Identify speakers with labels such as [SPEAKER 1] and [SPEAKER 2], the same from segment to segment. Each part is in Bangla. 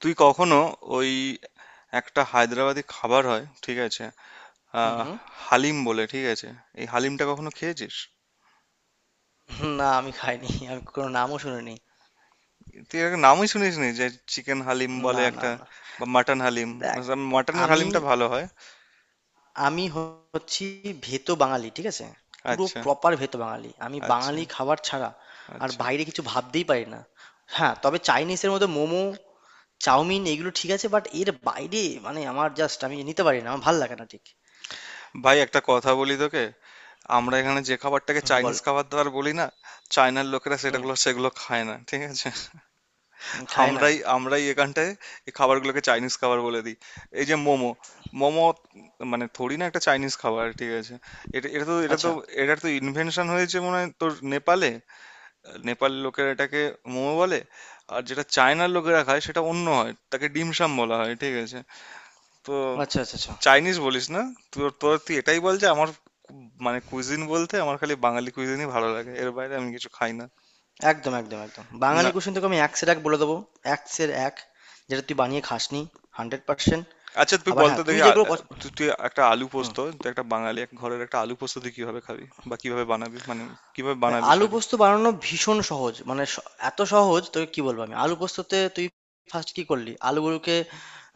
[SPEAKER 1] তুই কখনো ওই একটা হায়দ্রাবাদি খাবার হয়, ঠিক আছে?
[SPEAKER 2] হুম,
[SPEAKER 1] আহ
[SPEAKER 2] হুম।
[SPEAKER 1] হালিম বলে, ঠিক আছে? এই হালিমটা কখনো খেয়েছিস?
[SPEAKER 2] না আমি খাইনি। আমি কোনো নামও শুনিনি।
[SPEAKER 1] তুই এর নামই শুনিস নি যে? চিকেন হালিম বলে
[SPEAKER 2] না, না,
[SPEAKER 1] একটা,
[SPEAKER 2] না।
[SPEAKER 1] বা মাটন হালিম,
[SPEAKER 2] দেখ
[SPEAKER 1] মানে মাটনের
[SPEAKER 2] আমি
[SPEAKER 1] হালিমটা ভালো হয়।
[SPEAKER 2] আমি হচ্ছি ভেতো বাঙালি, ঠিক আছে? পুরো
[SPEAKER 1] আচ্ছা,
[SPEAKER 2] প্রপার ভেতো বাঙালি। আমি
[SPEAKER 1] আচ্ছা,
[SPEAKER 2] বাঙালি খাবার ছাড়া আর
[SPEAKER 1] আচ্ছা।
[SPEAKER 2] বাইরে কিছু ভাবতেই পারি না। হ্যাঁ, তবে চাইনিজের মধ্যে মোমো, চাউমিন এগুলো ঠিক আছে বাট এর বাইরে মানে আমার জাস্ট আমি নিতে পারি না। আমার ভাল লাগে না ঠিক।
[SPEAKER 1] ভাই, একটা কথা বলি তোকে। আমরা এখানে যে খাবারটাকে
[SPEAKER 2] হুম, বল।
[SPEAKER 1] চাইনিজ খাবার দাবার বলি না, চায়নার লোকেরা
[SPEAKER 2] হুম,
[SPEAKER 1] সেগুলো খায় না, ঠিক আছে?
[SPEAKER 2] হুম, খায় না।
[SPEAKER 1] আমরাই আমরাই এখানটায় এই খাবারগুলোকে চাইনিজ খাবার বলে দিই। এই যে মোমো, মোমো মানে থোড়ি না একটা চাইনিজ খাবার, ঠিক আছে? এটা এটা তো এটা তো
[SPEAKER 2] আচ্ছা,
[SPEAKER 1] এটার তো ইনভেনশন হয়েছে মনে হয় তোর নেপালে। নেপাল লোকেরা এটাকে মোমো বলে। আর যেটা চায়নার লোকেরা খায় সেটা অন্য হয়, তাকে ডিমসাম বলা হয়, ঠিক আছে? তো
[SPEAKER 2] আচ্ছা, আচ্ছা, আচ্ছা।
[SPEAKER 1] চাইনিজ বলিস না। তোর তোর তুই এটাই বল যে আমার কু- মানে কুইজিন বলতে আমার খালি বাঙালি কুইজিনই ভালো লাগে, এর বাইরে আমি কিছু খাই না।
[SPEAKER 2] একদম একদম একদম
[SPEAKER 1] না।
[SPEAKER 2] বাঙালি কুসিন তোকে আমি একসের এক বলে দেবো, একসের এক যেটা তুই বানিয়ে খাসনি হান্ড্রেড পার্সেন্ট।
[SPEAKER 1] আচ্ছা তুই
[SPEAKER 2] আবার
[SPEAKER 1] বলতো
[SPEAKER 2] হ্যাঁ তুই
[SPEAKER 1] দেখি,
[SPEAKER 2] যেগুলো
[SPEAKER 1] তুই তুই একটা আলু
[SPEAKER 2] হুম।
[SPEAKER 1] পোস্ত, তুই একটা বাঙালি এক ঘরের একটা আলু পোস্ত তুই কিভাবে খাবি? বা কিভাবে বানাবি, মানে কিভাবে বানাবি,
[SPEAKER 2] আলু
[SPEAKER 1] সরি।
[SPEAKER 2] পোস্ত বানানো ভীষণ সহজ, মানে এত সহজ তোকে কি বলবো আমি। আলু পোস্ততে তুই ফার্স্ট কি করলি আলুগুলোকে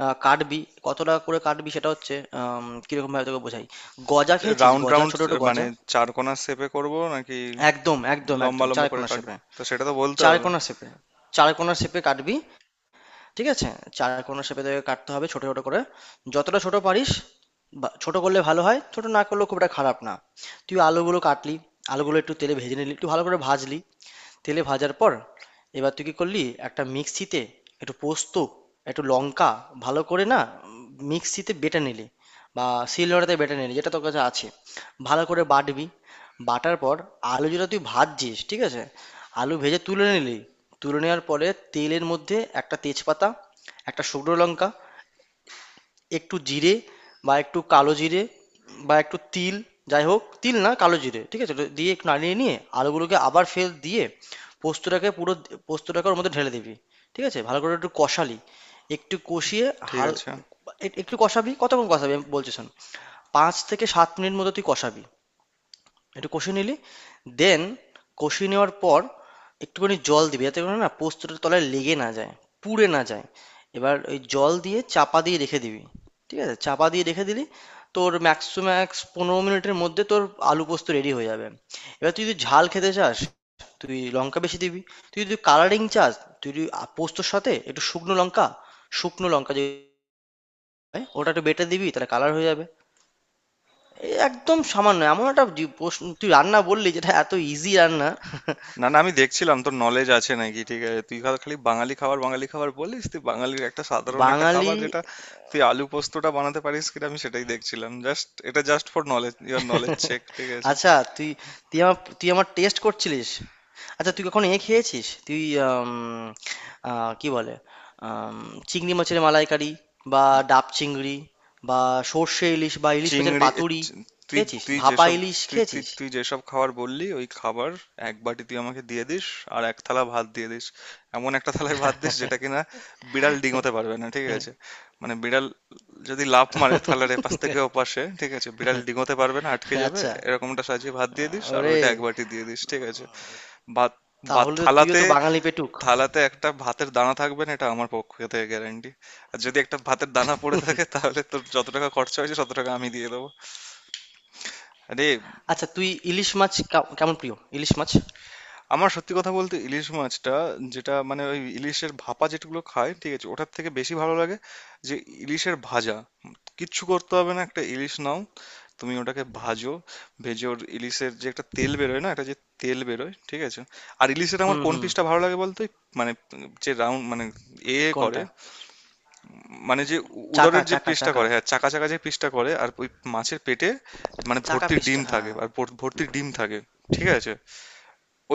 [SPEAKER 2] কাটবি। কতটা করে কাটবি সেটা হচ্ছে, কিরকম ভাবে তোকে বোঝাই। গজা খেয়েছিস,
[SPEAKER 1] রাউন্ড
[SPEAKER 2] গজা,
[SPEAKER 1] রাউন্ড
[SPEAKER 2] ছোট ছোট
[SPEAKER 1] মানে,
[SPEAKER 2] গজা।
[SPEAKER 1] চার কোণা শেপে করব নাকি
[SPEAKER 2] একদম একদম
[SPEAKER 1] লম্বা
[SPEAKER 2] একদম
[SPEAKER 1] লম্বা
[SPEAKER 2] চার
[SPEAKER 1] করে
[SPEAKER 2] কোনা
[SPEAKER 1] কাটবো,
[SPEAKER 2] শেপে,
[SPEAKER 1] তো সেটা তো বলতে
[SPEAKER 2] চার
[SPEAKER 1] হবে।
[SPEAKER 2] কোনা শেপে। চার কোনা শেপে কাটবি, ঠিক আছে। চার কোনা শেপে তোকে কাটতে হবে ছোট ছোট করে, যতটা ছোট পারিস। ছোট করলে ভালো হয়, ছোট না করলেও খুব একটা খারাপ না। তুই আলুগুলো কাটলি, আলুগুলো একটু তেলে ভেজে নিলি, একটু ভালো করে ভাজলি। তেলে ভাজার পর এবার তুই কি করলি, একটা মিক্সিতে একটু পোস্ত, একটু লঙ্কা, ভালো করে না মিক্সিতে বেটে নিলি, বা শিলনোড়াতে বেটে নিলি যেটা তোর কাছে আছে। ভালো করে বাটবি। বাটার পর আলু যেটা তুই ভাজছিস, ঠিক আছে, আলু ভেজে তুলে নিলি। তুলে নেওয়ার পরে তেলের মধ্যে একটা তেজপাতা, একটা শুকনো লঙ্কা, একটু জিরে, বা একটু কালো জিরে, বা একটু তিল, যাই হোক তিল না কালো জিরে, ঠিক আছে, ওটা দিয়ে একটু নাড়িয়ে নিয়ে আলুগুলোকে আবার ফের দিয়ে পোস্তটাকে পুরো, পোস্তটাকে ওর মধ্যে ঢেলে দিবি। ঠিক আছে ভালো করে একটু কষালি, একটু কষিয়ে
[SPEAKER 1] ঠিক
[SPEAKER 2] হাল
[SPEAKER 1] আছে।
[SPEAKER 2] একটু কষাবি। কতক্ষণ কষাবি আমি বলছি শোন, 5 থেকে 7 মিনিট মতো তুই কষাবি। একটু কষিয়ে নিলি, দেন কষিয়ে নেওয়ার পর একটুখানি জল দিবি যাতে করে না পোস্তটা তলায় লেগে না যায়, পুড়ে না যায়। এবার ওই জল দিয়ে চাপা দিয়ে রেখে দিবি। ঠিক আছে চাপা দিয়ে রেখে দিলি, তোর ম্যাক্স টু ম্যাক্স 15 মিনিটের মধ্যে তোর আলু পোস্ত রেডি হয়ে যাবে। এবার তুই যদি ঝাল খেতে চাস, তুই লঙ্কা বেশি দিবি। তুই যদি কালারিং চাস, তুই যদি পোস্তর সাথে একটু শুকনো লঙ্কা, শুকনো লঙ্কা যে হয়, ওটা একটু বেটে দিবি তাহলে কালার হয়ে যাবে। এই একদম সামান্য এমন একটা প্রশ্ন তুই রান্না বললি, যেটা এত ইজি রান্না।
[SPEAKER 1] না না, আমি দেখছিলাম তোর নলেজ আছে নাকি, ঠিক আছে? তুই খালি বাঙালি খাবার, বাঙালি খাবার বলিস, তুই বাঙালির একটা সাধারণ একটা
[SPEAKER 2] বাঙালি।
[SPEAKER 1] খাবার যেটা, তুই আলু পোস্তটা বানাতে পারিস কিনা আমি সেটাই দেখছিলাম, জাস্ট এটা just for knowledge, your knowledge check, ঠিক আছে?
[SPEAKER 2] আচ্ছা, তুই তুই আমার তুই আমার টেস্ট করছিলিস? আচ্ছা তুই কখনো এ খেয়েছিস তুই, আম, কি বলে, আম, চিংড়ি মাছের মালাইকারি, বা ডাব চিংড়ি, বা সর্ষে ইলিশ, বা ইলিশ মাছের
[SPEAKER 1] চিংড়ি,
[SPEAKER 2] পাতুরি
[SPEAKER 1] চি- তুই
[SPEAKER 2] খেয়েছিস,
[SPEAKER 1] তুই
[SPEAKER 2] ভাপা
[SPEAKER 1] যেসব,
[SPEAKER 2] ইলিশ
[SPEAKER 1] তুই তুই
[SPEAKER 2] খেয়েছিস?
[SPEAKER 1] তুই যেসব খাবার বললি ওই খাবার এক বাটি তুই আমাকে দিয়ে দিস, আর এক থালা ভাত দিয়ে দিস। এমন একটা থালায় ভাত দিস যেটা কিনা বিড়াল ডিঙোতে পারবে না, ঠিক আছে? মানে বিড়াল যদি লাফ মারে থালার এপাশ থেকে ওপাশে, ঠিক আছে, বিড়াল ডিঙোতে পারবে না, আটকে যাবে।
[SPEAKER 2] আচ্ছা।
[SPEAKER 1] এরকমটা সাজিয়ে ভাত দিয়ে দিস, আর
[SPEAKER 2] ওরে,
[SPEAKER 1] ওইটা এক বাটি দিয়ে দিস, ঠিক আছে? ভাত বা
[SPEAKER 2] তাহলে তো তুইও
[SPEAKER 1] থালাতে,
[SPEAKER 2] তো বাঙালি পেটুক।
[SPEAKER 1] থালাতে একটা ভাতের দানা থাকবে না, এটা আমার পক্ষ থেকে গ্যারান্টি। আর যদি একটা ভাতের দানা পড়ে থাকে তাহলে তোর যত টাকা খরচা হয়েছে তত টাকা আমি দিয়ে দেবো। আরে,
[SPEAKER 2] আচ্ছা তুই ইলিশ মাছ কেমন প্রিয় ইলিশ মাছ?
[SPEAKER 1] আমার সত্যি কথা বলতে ইলিশ মাছটা, যেটা মানে ওই ইলিশের ভাপা যেগুলো খায়, ঠিক আছে, ওটার থেকে বেশি ভালো লাগে যে ইলিশের ভাজা। কিচ্ছু করতে হবে না, একটা ইলিশ নাও, তুমি ওটাকে ভাজো। ভেজে ওর ইলিশের যে একটা তেল বেরোয় না, একটা যে তেল বেরোয়, ঠিক আছে? আর ইলিশের আমার
[SPEAKER 2] হুম
[SPEAKER 1] কোন
[SPEAKER 2] হুম।
[SPEAKER 1] পিসটা ভালো লাগে বলতে, মানে যে রাউন্ড, মানে এ করে,
[SPEAKER 2] কোনটা?
[SPEAKER 1] মানে যে
[SPEAKER 2] চাকা,
[SPEAKER 1] উদরের যে
[SPEAKER 2] চাকা,
[SPEAKER 1] পিসটা
[SPEAKER 2] চাকা।
[SPEAKER 1] করে, হ্যাঁ চাকা চাকা যে পিসটা করে, আর ওই মাছের পেটে মানে
[SPEAKER 2] চাকা
[SPEAKER 1] ভর্তি ডিম
[SPEAKER 2] পিসটা
[SPEAKER 1] থাকে,
[SPEAKER 2] হ্যাঁ।
[SPEAKER 1] আর ভর্তি ডিম থাকে, ঠিক আছে?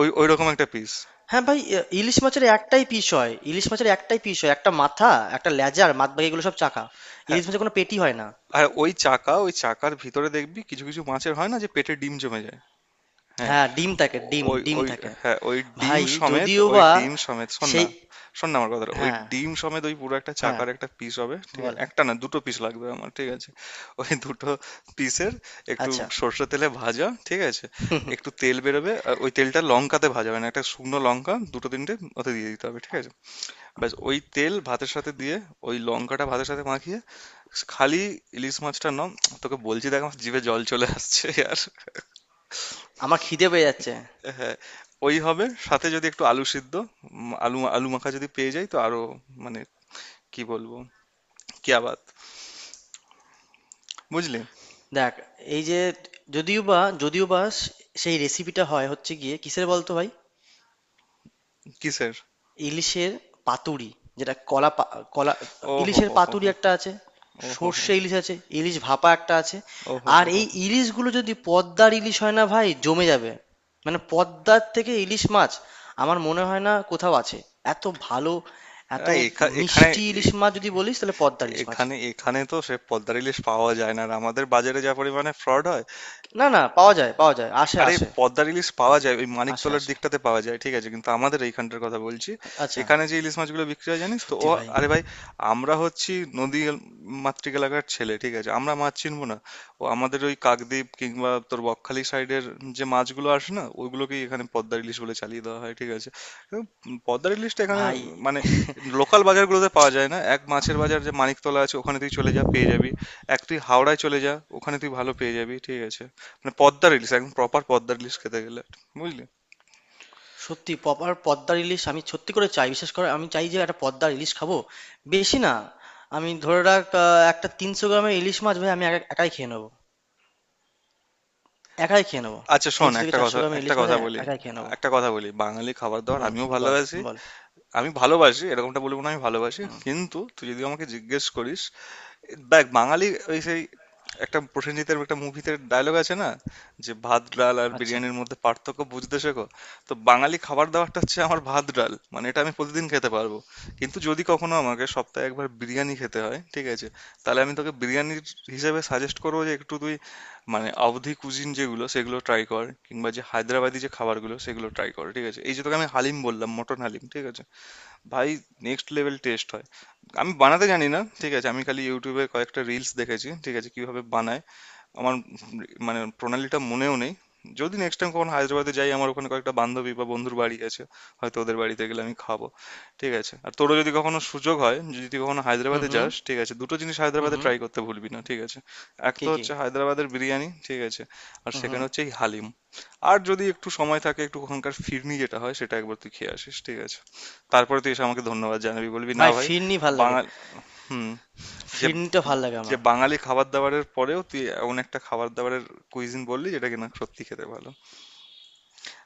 [SPEAKER 1] ওই ওই রকম একটা পিস।
[SPEAKER 2] হ্যাঁ ভাই, এ ইলিশ মাছের একটাই পিস হয়। ইলিশ মাছের একটাই পিস হয়। একটা মাথা, একটা লেজা আর বাদবাকি এগুলো সব চাকা।
[SPEAKER 1] হ্যাঁ।
[SPEAKER 2] ইলিশ মাছের কোনো পেটি হয় না।
[SPEAKER 1] আর ওই চাকা, ওই চাকার ভিতরে দেখবি কিছু কিছু মাছের হয় না যে পেটে ডিম জমে যায়। হ্যাঁ।
[SPEAKER 2] হ্যাঁ, ডিম থাকে, ডিম,
[SPEAKER 1] ওই
[SPEAKER 2] ডিম
[SPEAKER 1] ওই
[SPEAKER 2] থাকে।
[SPEAKER 1] হ্যাঁ ওই ডিম
[SPEAKER 2] ভাই,
[SPEAKER 1] সমেত,
[SPEAKER 2] যদিও
[SPEAKER 1] ওই
[SPEAKER 2] বা
[SPEAKER 1] ডিম সমেত, শোন
[SPEAKER 2] সেই।
[SPEAKER 1] না। শোন না আমার কথাটা, ওই
[SPEAKER 2] হ্যাঁ,
[SPEAKER 1] ডিম সমেত ওই পুরো একটা
[SPEAKER 2] হ্যাঁ,
[SPEAKER 1] চাকার একটা পিস হবে, ঠিক আছে?
[SPEAKER 2] বল।
[SPEAKER 1] একটা না, দুটো পিস লাগবে আমার, ঠিক আছে? ওই দুটো পিসের একটু
[SPEAKER 2] আচ্ছা,
[SPEAKER 1] সর্ষে তেলে ভাজা, ঠিক আছে, একটু তেল বেরোবে, আর ওই তেলটা লঙ্কাতে ভাজা, মানে একটা শুকনো লঙ্কা দুটো তিনটে ওতে দিয়ে দিতে হবে, ঠিক আছে? ব্যাস, ওই তেল ভাতের সাথে দিয়ে, ওই লঙ্কাটা ভাতের সাথে মাখিয়ে, খালি ইলিশ মাছটা নম। তোকে বলছি দেখ আমার জিভে জল চলে আসছে। আর
[SPEAKER 2] আমার খিদে পেয়ে যাচ্ছে।
[SPEAKER 1] হ্যাঁ, ওই হবে সাথে যদি একটু আলু সিদ্ধ, আলু আলু মাখা যদি পেয়ে যাই, তো আরো মানে কি বলবো, কিয়া বাত, বুঝলি?
[SPEAKER 2] দেখ, এই যে, যদিও বা সেই রেসিপিটা হচ্ছে গিয়ে কিসের বলতো ভাই?
[SPEAKER 1] কিসের?
[SPEAKER 2] ইলিশের পাতুরি, যেটা কলা।
[SPEAKER 1] ও হো
[SPEAKER 2] ইলিশের
[SPEAKER 1] হো হো
[SPEAKER 2] পাতুরি
[SPEAKER 1] হো।
[SPEAKER 2] একটা আছে,
[SPEAKER 1] ও হো হো।
[SPEAKER 2] সর্ষে ইলিশ আছে, ইলিশ ভাপা একটা আছে।
[SPEAKER 1] ও হো
[SPEAKER 2] আর
[SPEAKER 1] হো হো
[SPEAKER 2] এই
[SPEAKER 1] হো।
[SPEAKER 2] ইলিশগুলো যদি পদ্মার ইলিশ হয় না ভাই, জমে যাবে। মানে পদ্মার থেকে ইলিশ মাছ আমার মনে হয় না কোথাও আছে এত ভালো, এত
[SPEAKER 1] আরে, এখানে,
[SPEAKER 2] মিষ্টি। ইলিশ
[SPEAKER 1] এ-
[SPEAKER 2] মাছ যদি বলিস তাহলে পদ্মার ইলিশ মাছ।
[SPEAKER 1] এখানে তো সে পদ্মার ইলিশ পাওয়া যায় না, আর আমাদের বাজারে যা পরিমাণে ফ্রড হয়।
[SPEAKER 2] না না, পাওয়া যায়, পাওয়া যায়, আসে
[SPEAKER 1] আরে
[SPEAKER 2] আসে,
[SPEAKER 1] পদ্মার ইলিশ পাওয়া যায় ওই
[SPEAKER 2] আসে
[SPEAKER 1] মানিকতলার
[SPEAKER 2] আসে।
[SPEAKER 1] দিকটাতে পাওয়া যায়, ঠিক আছে, কিন্তু আমাদের এইখানটার কথা বলছি।
[SPEAKER 2] আচ্ছা।
[SPEAKER 1] এখানে যে ইলিশ মাছগুলো বিক্রি হয় জানিস তো
[SPEAKER 2] সত্যি
[SPEAKER 1] ও।
[SPEAKER 2] ভাই।
[SPEAKER 1] আরে ভাই, আমরা হচ্ছি নদী মাতৃক এলাকার ছেলে, ঠিক আছে, আমরা মাছ চিনবো না? ও, আমাদের ওই কাকদ্বীপ কিংবা তোর বকখালি সাইডের যে মাছগুলো আসে না, ওইগুলোকেই এখানে পদ্মার ইলিশ বলে চালিয়ে দেওয়া হয়, ঠিক আছে? উম, পদ্মার ইলিশটা এখানে
[SPEAKER 2] ভাই
[SPEAKER 1] মানে লোকাল বাজারগুলোতে পাওয়া যায় না। এক মাছের বাজার যে মানিকতলা আছে, ওখানে তুই চলে যা, পেয়ে যাবি। এক তুই হাওড়ায় চলে যা, ওখানে তুই ভালো পেয়ে যাবি, ঠিক আছে? মানে পদ্মা রিলিজ, একদম প্রপার পদ্মা রিলিজ খেতে গেলে, বুঝলি?
[SPEAKER 2] সত্যি প্রপার পদ্মা ইলিশ আমি সত্যি করে চাই, বিশেষ করে আমি চাই যে একটা পদ্মা ইলিশ খাবো। বেশি না, আমি ধরে রাখ একটা 300 গ্রামের ইলিশ মাছ ভাই আমি একাই খেয়ে নেবো। একাই খেয়ে নেবো।
[SPEAKER 1] আচ্ছা শোন
[SPEAKER 2] তিনশো থেকে
[SPEAKER 1] একটা
[SPEAKER 2] চারশো
[SPEAKER 1] কথা,
[SPEAKER 2] গ্রামের
[SPEAKER 1] একটা
[SPEAKER 2] ইলিশ মাছ
[SPEAKER 1] কথা
[SPEAKER 2] আমি
[SPEAKER 1] বলি,
[SPEAKER 2] একাই খেয়ে নেবো।
[SPEAKER 1] একটা কথা বলি, বাঙালি খাবার দাবার
[SPEAKER 2] হুম,
[SPEAKER 1] আমিও
[SPEAKER 2] বল,
[SPEAKER 1] ভালোবাসি।
[SPEAKER 2] বল।
[SPEAKER 1] আমি ভালোবাসি এরকমটা বলবো না, আমি ভালোবাসি,
[SPEAKER 2] হুম।
[SPEAKER 1] কিন্তু তুই যদি আমাকে জিজ্ঞেস করিস, দেখ বাঙালি, ওই সেই একটা প্রসেনজিতের একটা মুভিতে ডায়লগ আছে না, যে ভাত ডাল আর
[SPEAKER 2] আচ্ছা।
[SPEAKER 1] বিরিয়ানির মধ্যে পার্থক্য বুঝতে শেখো। তো বাঙালি খাবার দাবারটা হচ্ছে আমার ভাত ডাল, মানে এটা আমি প্রতিদিন খেতে পারবো। কিন্তু যদি কখনো আমাকে সপ্তাহে একবার বিরিয়ানি খেতে হয়, ঠিক আছে, তাহলে আমি তোকে বিরিয়ানির হিসেবে সাজেস্ট করবো যে একটু তুই মানে অবধি কুজিন যেগুলো সেগুলো ট্রাই কর, কিংবা যে হায়দ্রাবাদি যে খাবারগুলো সেগুলো ট্রাই কর, ঠিক আছে? এই যে তোকে আমি হালিম বললাম, মটন হালিম, ঠিক আছে? ভাই, নেক্সট লেভেল টেস্ট হয়। আমি বানাতে জানি না, ঠিক আছে, আমি খালি ইউটিউবে কয়েকটা রিলস দেখেছি, ঠিক আছে, কিভাবে বানায়। আমার মানে প্রণালীটা মনেও নেই। যদি নেক্সট টাইম কখন হায়দ্রাবাদে যাই, আমার ওখানে কয়েকটা বান্ধবী বা বন্ধুর বাড়ি আছে, হয়তো ওদের বাড়িতে গেলে আমি খাবো, ঠিক আছে? আর তোরও যদি কখনো সুযোগ হয়, যদি তুই কখনো
[SPEAKER 2] হুম
[SPEAKER 1] হায়দ্রাবাদে
[SPEAKER 2] হুম।
[SPEAKER 1] যাস, ঠিক আছে, দুটো জিনিস
[SPEAKER 2] হুম
[SPEAKER 1] হায়দ্রাবাদে
[SPEAKER 2] হুম।
[SPEAKER 1] ট্রাই করতে ভুলবি না, ঠিক আছে? এক
[SPEAKER 2] কি
[SPEAKER 1] তো
[SPEAKER 2] কি?
[SPEAKER 1] হচ্ছে হায়দ্রাবাদের বিরিয়ানি, ঠিক আছে, আর
[SPEAKER 2] হুম
[SPEAKER 1] সেখানে
[SPEAKER 2] হুম।
[SPEAKER 1] হচ্ছে এই হালিম। আর যদি একটু সময় থাকে, একটু ওখানকার ফিরনি যেটা হয় সেটা একবার তুই খেয়ে আসিস, ঠিক আছে? তারপরে তুই এসে আমাকে ধন্যবাদ জানাবি, বলবি না
[SPEAKER 2] ভাই
[SPEAKER 1] ভাই।
[SPEAKER 2] ফিরনি ভাল লাগে।
[SPEAKER 1] বাঙাল। হুম। যে,
[SPEAKER 2] ফিরনিটা ভাল লাগে
[SPEAKER 1] যে
[SPEAKER 2] আমার।
[SPEAKER 1] বাঙালি খাবার দাবারের পরেও তুই এমন একটা খাবার দাবারের কুইজিন বললি যেটা কিনা সত্যি খেতে ভালো।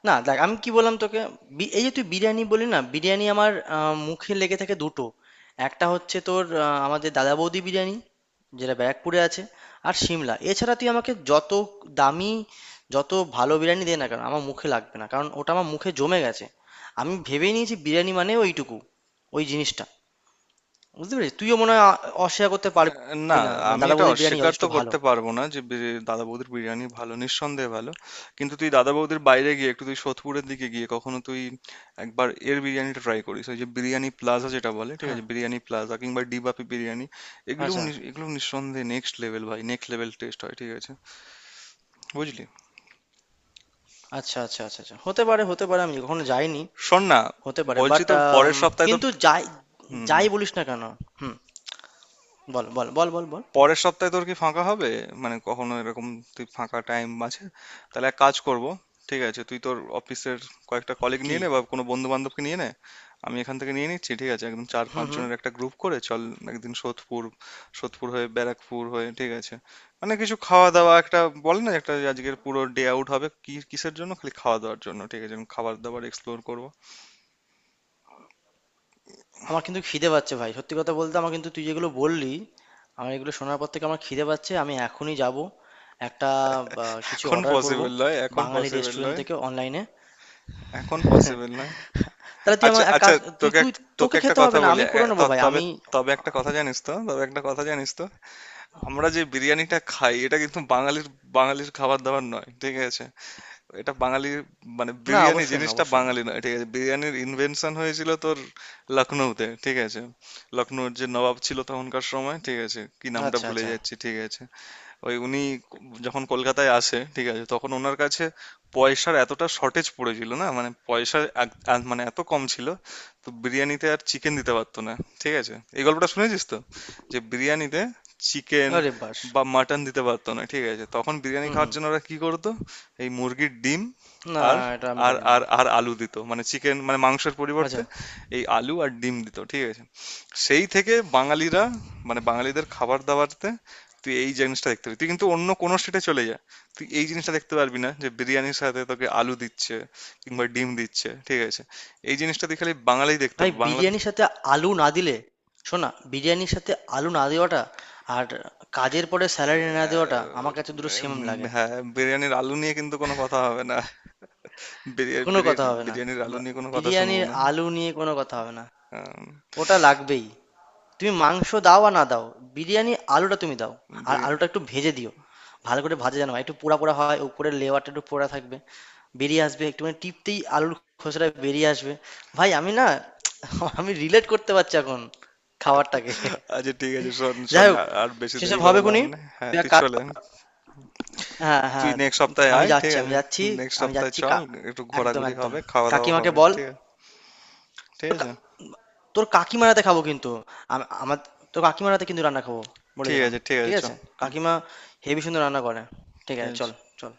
[SPEAKER 2] না দেখ আমি কি বললাম তোকে, এই যে তুই বিরিয়ানি বলি না, বিরিয়ানি আমার মুখে লেগে থাকে দুটো। একটা হচ্ছে তোর আমাদের দাদা বৌদি বিরিয়ানি, যেটা ব্যারাকপুরে আছে আর সিমলা। এছাড়া তুই আমাকে যত দামি, যত ভালো বিরিয়ানি দে না কেন আমার মুখে লাগবে না, কারণ ওটা আমার মুখে জমে গেছে। আমি ভেবে নিয়েছি বিরিয়ানি মানে ওইটুকু, ওই জিনিসটা। বুঝতে পেরেছিস, তুইও মনে হয় অস্বীকার করতে
[SPEAKER 1] না,
[SPEAKER 2] পারবি না, মানে
[SPEAKER 1] আমি
[SPEAKER 2] দাদা
[SPEAKER 1] এটা
[SPEAKER 2] বৌদির বিরিয়ানি
[SPEAKER 1] অস্বীকার
[SPEAKER 2] যথেষ্ট
[SPEAKER 1] তো
[SPEAKER 2] ভালো।
[SPEAKER 1] করতে পারবো না যে দাদা বৌদির বিরিয়ানি ভালো, নিঃসন্দেহে ভালো। কিন্তু তুই দাদা বৌদির বাইরে গিয়ে একটু তুই সোদপুরের দিকে গিয়ে কখনো তুই একবার এর বিরিয়ানিটা ট্রাই করিস, ওই যে বিরিয়ানি প্লাজা যেটা বলে, ঠিক
[SPEAKER 2] হ্যাঁ।
[SPEAKER 1] আছে, বিরিয়ানি প্লাজা কিংবা ডিবাপি বিরিয়ানি,
[SPEAKER 2] আচ্ছা
[SPEAKER 1] এগুলো নিঃসন্দেহে নেক্সট লেভেল, ভাই, নেক্সট লেভেল টেস্ট হয়, ঠিক আছে? বুঝলি?
[SPEAKER 2] আচ্ছা আচ্ছা আচ্ছা আচ্ছা, হতে পারে, হতে পারে, আমি কখনো যাইনি,
[SPEAKER 1] শোন না,
[SPEAKER 2] হতে পারে
[SPEAKER 1] বলছি
[SPEAKER 2] বাট,
[SPEAKER 1] তোর পরের সপ্তাহে তোর,
[SPEAKER 2] কিন্তু যাই,
[SPEAKER 1] হুম হুম,
[SPEAKER 2] যাই বলিস না কেন। হুম, বল বল বল বল বল।
[SPEAKER 1] পরের সপ্তাহে তোর কি ফাঁকা হবে? মানে কখনো এরকম তুই ফাঁকা টাইম আছে? তাহলে এক কাজ করব, ঠিক আছে, তুই তোর অফিসের কয়েকটা কলিগ নিয়ে
[SPEAKER 2] কি?
[SPEAKER 1] নে, বা কোনো বন্ধু বান্ধবকে নিয়ে নে, আমি এখান থেকে নিয়ে নিচ্ছি, ঠিক আছে? একদম চার
[SPEAKER 2] হুম
[SPEAKER 1] পাঁচ
[SPEAKER 2] হুম।
[SPEAKER 1] জনের একটা গ্রুপ করে চল। একদিন সোদপুর, সোদপুর হয়ে ব্যারাকপুর হয়ে, ঠিক আছে, মানে কিছু খাওয়া দাওয়া, একটা বলে না, একটা আজকের পুরো ডে আউট হবে, কি কিসের জন্য, খালি খাওয়া দাওয়ার জন্য, ঠিক আছে, আমি খাবার দাবার এক্সপ্লোর করব।
[SPEAKER 2] আমার কিন্তু খিদে পাচ্ছে ভাই, সত্যি কথা বলতে আমার কিন্তু তুই যেগুলো বললি, আমার এগুলো শোনার পর থেকে আমার খিদে পাচ্ছে, আমি এখনই যাব একটা কিছু
[SPEAKER 1] এখন
[SPEAKER 2] অর্ডার করব
[SPEAKER 1] পসিবল নয় এখন
[SPEAKER 2] বাঙালি
[SPEAKER 1] পসিবল
[SPEAKER 2] রেস্টুরেন্ট
[SPEAKER 1] নয়
[SPEAKER 2] থেকে অনলাইনে।
[SPEAKER 1] এখন পসিবল নয়।
[SPEAKER 2] তাহলে তুই
[SPEAKER 1] আচ্ছা
[SPEAKER 2] আমার এক
[SPEAKER 1] আচ্ছা।
[SPEAKER 2] কাজ, তুই
[SPEAKER 1] তোকে
[SPEAKER 2] তুই
[SPEAKER 1] তোকে
[SPEAKER 2] তোকে
[SPEAKER 1] একটা
[SPEAKER 2] খেতে
[SPEAKER 1] কথা
[SPEAKER 2] হবে না,
[SPEAKER 1] বলি,
[SPEAKER 2] আমি করে নেবো ভাই,
[SPEAKER 1] তবে,
[SPEAKER 2] আমি।
[SPEAKER 1] তবে একটা কথা জানিস তো, তবে একটা কথা জানিস তো, আমরা যে বিরিয়ানিটা খাই এটা কিন্তু বাঙালির, বাঙালির খাবার দাবার নয়, ঠিক আছে? এটা বাঙালি মানে
[SPEAKER 2] না,
[SPEAKER 1] বিরিয়ানি
[SPEAKER 2] অবশ্যই না,
[SPEAKER 1] জিনিসটা
[SPEAKER 2] অবশ্যই না।
[SPEAKER 1] বাঙালি নয়, ঠিক আছে? বিরিয়ানির ইনভেনশন হয়েছিল তোর লখনৌতে, ঠিক আছে? লখনৌর যে নবাব ছিল তখনকার সময়, ঠিক আছে, কি নামটা
[SPEAKER 2] আচ্ছা
[SPEAKER 1] ভুলে
[SPEAKER 2] আচ্ছা।
[SPEAKER 1] যাচ্ছি, ঠিক আছে, ওই উনি যখন কলকাতায় আসে, ঠিক আছে, তখন ওনার কাছে পয়সার এতটা শর্টেজ পড়েছিল না, মানে পয়সা মানে এত কম ছিল তো বিরিয়ানিতে আর চিকেন দিতে পারতো না, ঠিক আছে? এই গল্পটা শুনেছিস তো, যে বিরিয়ানিতে চিকেন
[SPEAKER 2] আরে বাস।
[SPEAKER 1] বা মাটন দিতে পারতো না, ঠিক আছে? তখন বিরিয়ানি
[SPEAKER 2] হুম
[SPEAKER 1] খাওয়ার
[SPEAKER 2] হুম।
[SPEAKER 1] জন্য ওরা কি করতো, এই মুরগির ডিম
[SPEAKER 2] না
[SPEAKER 1] আর
[SPEAKER 2] এটা আমি
[SPEAKER 1] আর
[SPEAKER 2] জানি
[SPEAKER 1] আর
[SPEAKER 2] না।
[SPEAKER 1] আর আলু দিত, মানে চিকেন মানে মাংসের পরিবর্তে
[SPEAKER 2] আচ্ছা।
[SPEAKER 1] এই আলু আর ডিম দিত, ঠিক আছে? সেই থেকে বাঙালিরা মানে বাঙালিদের খাবার দাবারতে তুই এই জিনিসটা দেখতে পাবি, তুই কিন্তু অন্য কোনো স্টেটে চলে যা, তুই এই জিনিসটা দেখতে পারবি না যে বিরিয়ানির সাথে তোকে আলু দিচ্ছে কিংবা ডিম দিচ্ছে, ঠিক আছে? এই জিনিসটা তুই খালি বাঙালি দেখতে
[SPEAKER 2] ভাই
[SPEAKER 1] পাবি বাংলাতে।
[SPEAKER 2] বিরিয়ানির সাথে আলু না দিলে, শোনা বিরিয়ানির সাথে আলু না দেওয়াটা আর কাজের পরে স্যালারি না দেওয়াটা
[SPEAKER 1] আহ,
[SPEAKER 2] আমার কাছে দুটো সেম লাগে।
[SPEAKER 1] হ্যাঁ, বিরিয়ানির আলু নিয়ে কিন্তু কোনো কথা হবে না। বিরিয়ানি
[SPEAKER 2] কোনো কথা
[SPEAKER 1] বিরিয়ানি-
[SPEAKER 2] হবে না,
[SPEAKER 1] বিরিয়ানির আলু
[SPEAKER 2] বা-
[SPEAKER 1] নিয়ে কোনো কথা শুনবো
[SPEAKER 2] বিরিয়ানির
[SPEAKER 1] না।
[SPEAKER 2] আলু নিয়ে কোনো কথা হবে না।
[SPEAKER 1] আম,
[SPEAKER 2] ওটা লাগবেই। তুমি মাংস দাও আর না দাও, বিরিয়ানির আলুটা তুমি দাও। আর
[SPEAKER 1] বিরি-
[SPEAKER 2] আলুটা একটু ভেজে দিও, ভালো করে ভাজা যেন হয়, একটু পোড়া পোড়া হয়, উপরে লেয়ারটা একটু পোড়া থাকবে, বেরিয়ে আসবে একটুখানি টিপতেই আলুর খোসাটা বেরিয়ে আসবে। ভাই আমি না আমি রিলেট করতে পারছি এখন খাবারটাকে।
[SPEAKER 1] আচ্ছা ঠিক আছে, শোন শোন,
[SPEAKER 2] যাই হোক,
[SPEAKER 1] আর আর বেশি দেরি
[SPEAKER 2] সেসব
[SPEAKER 1] করে
[SPEAKER 2] হবে
[SPEAKER 1] লাভ
[SPEAKER 2] খুনি,
[SPEAKER 1] নেই, হ্যাঁ
[SPEAKER 2] তুই এক
[SPEAKER 1] তুই
[SPEAKER 2] কাজ।
[SPEAKER 1] চলে,
[SPEAKER 2] হ্যাঁ
[SPEAKER 1] তুই
[SPEAKER 2] হ্যাঁ,
[SPEAKER 1] নেক্সট সপ্তাহে
[SPEAKER 2] আমি
[SPEAKER 1] আয়, ঠিক
[SPEAKER 2] যাচ্ছি, আমি
[SPEAKER 1] আছে?
[SPEAKER 2] যাচ্ছি,
[SPEAKER 1] নেক্সট
[SPEAKER 2] আমি
[SPEAKER 1] সপ্তাহে
[SPEAKER 2] যাচ্ছি
[SPEAKER 1] চল, একটু
[SPEAKER 2] একদম
[SPEAKER 1] ঘোরাঘুরি
[SPEAKER 2] একদম,
[SPEAKER 1] হবে, খাওয়া দাওয়া
[SPEAKER 2] কাকিমাকে
[SPEAKER 1] হবে,
[SPEAKER 2] বল।
[SPEAKER 1] ঠিক
[SPEAKER 2] তোর
[SPEAKER 1] আছে
[SPEAKER 2] তোর কাকিমারাতে খাবো কিন্তু, আমার, তোর কাকিমারাতে কিন্তু রান্না খাবো, বলে দিলাম।
[SPEAKER 1] ঠিক
[SPEAKER 2] ঠিক
[SPEAKER 1] আছে চ
[SPEAKER 2] আছে, কাকিমা হেভি সুন্দর রান্না করে। ঠিক আছে, চল,
[SPEAKER 1] stands
[SPEAKER 2] চল।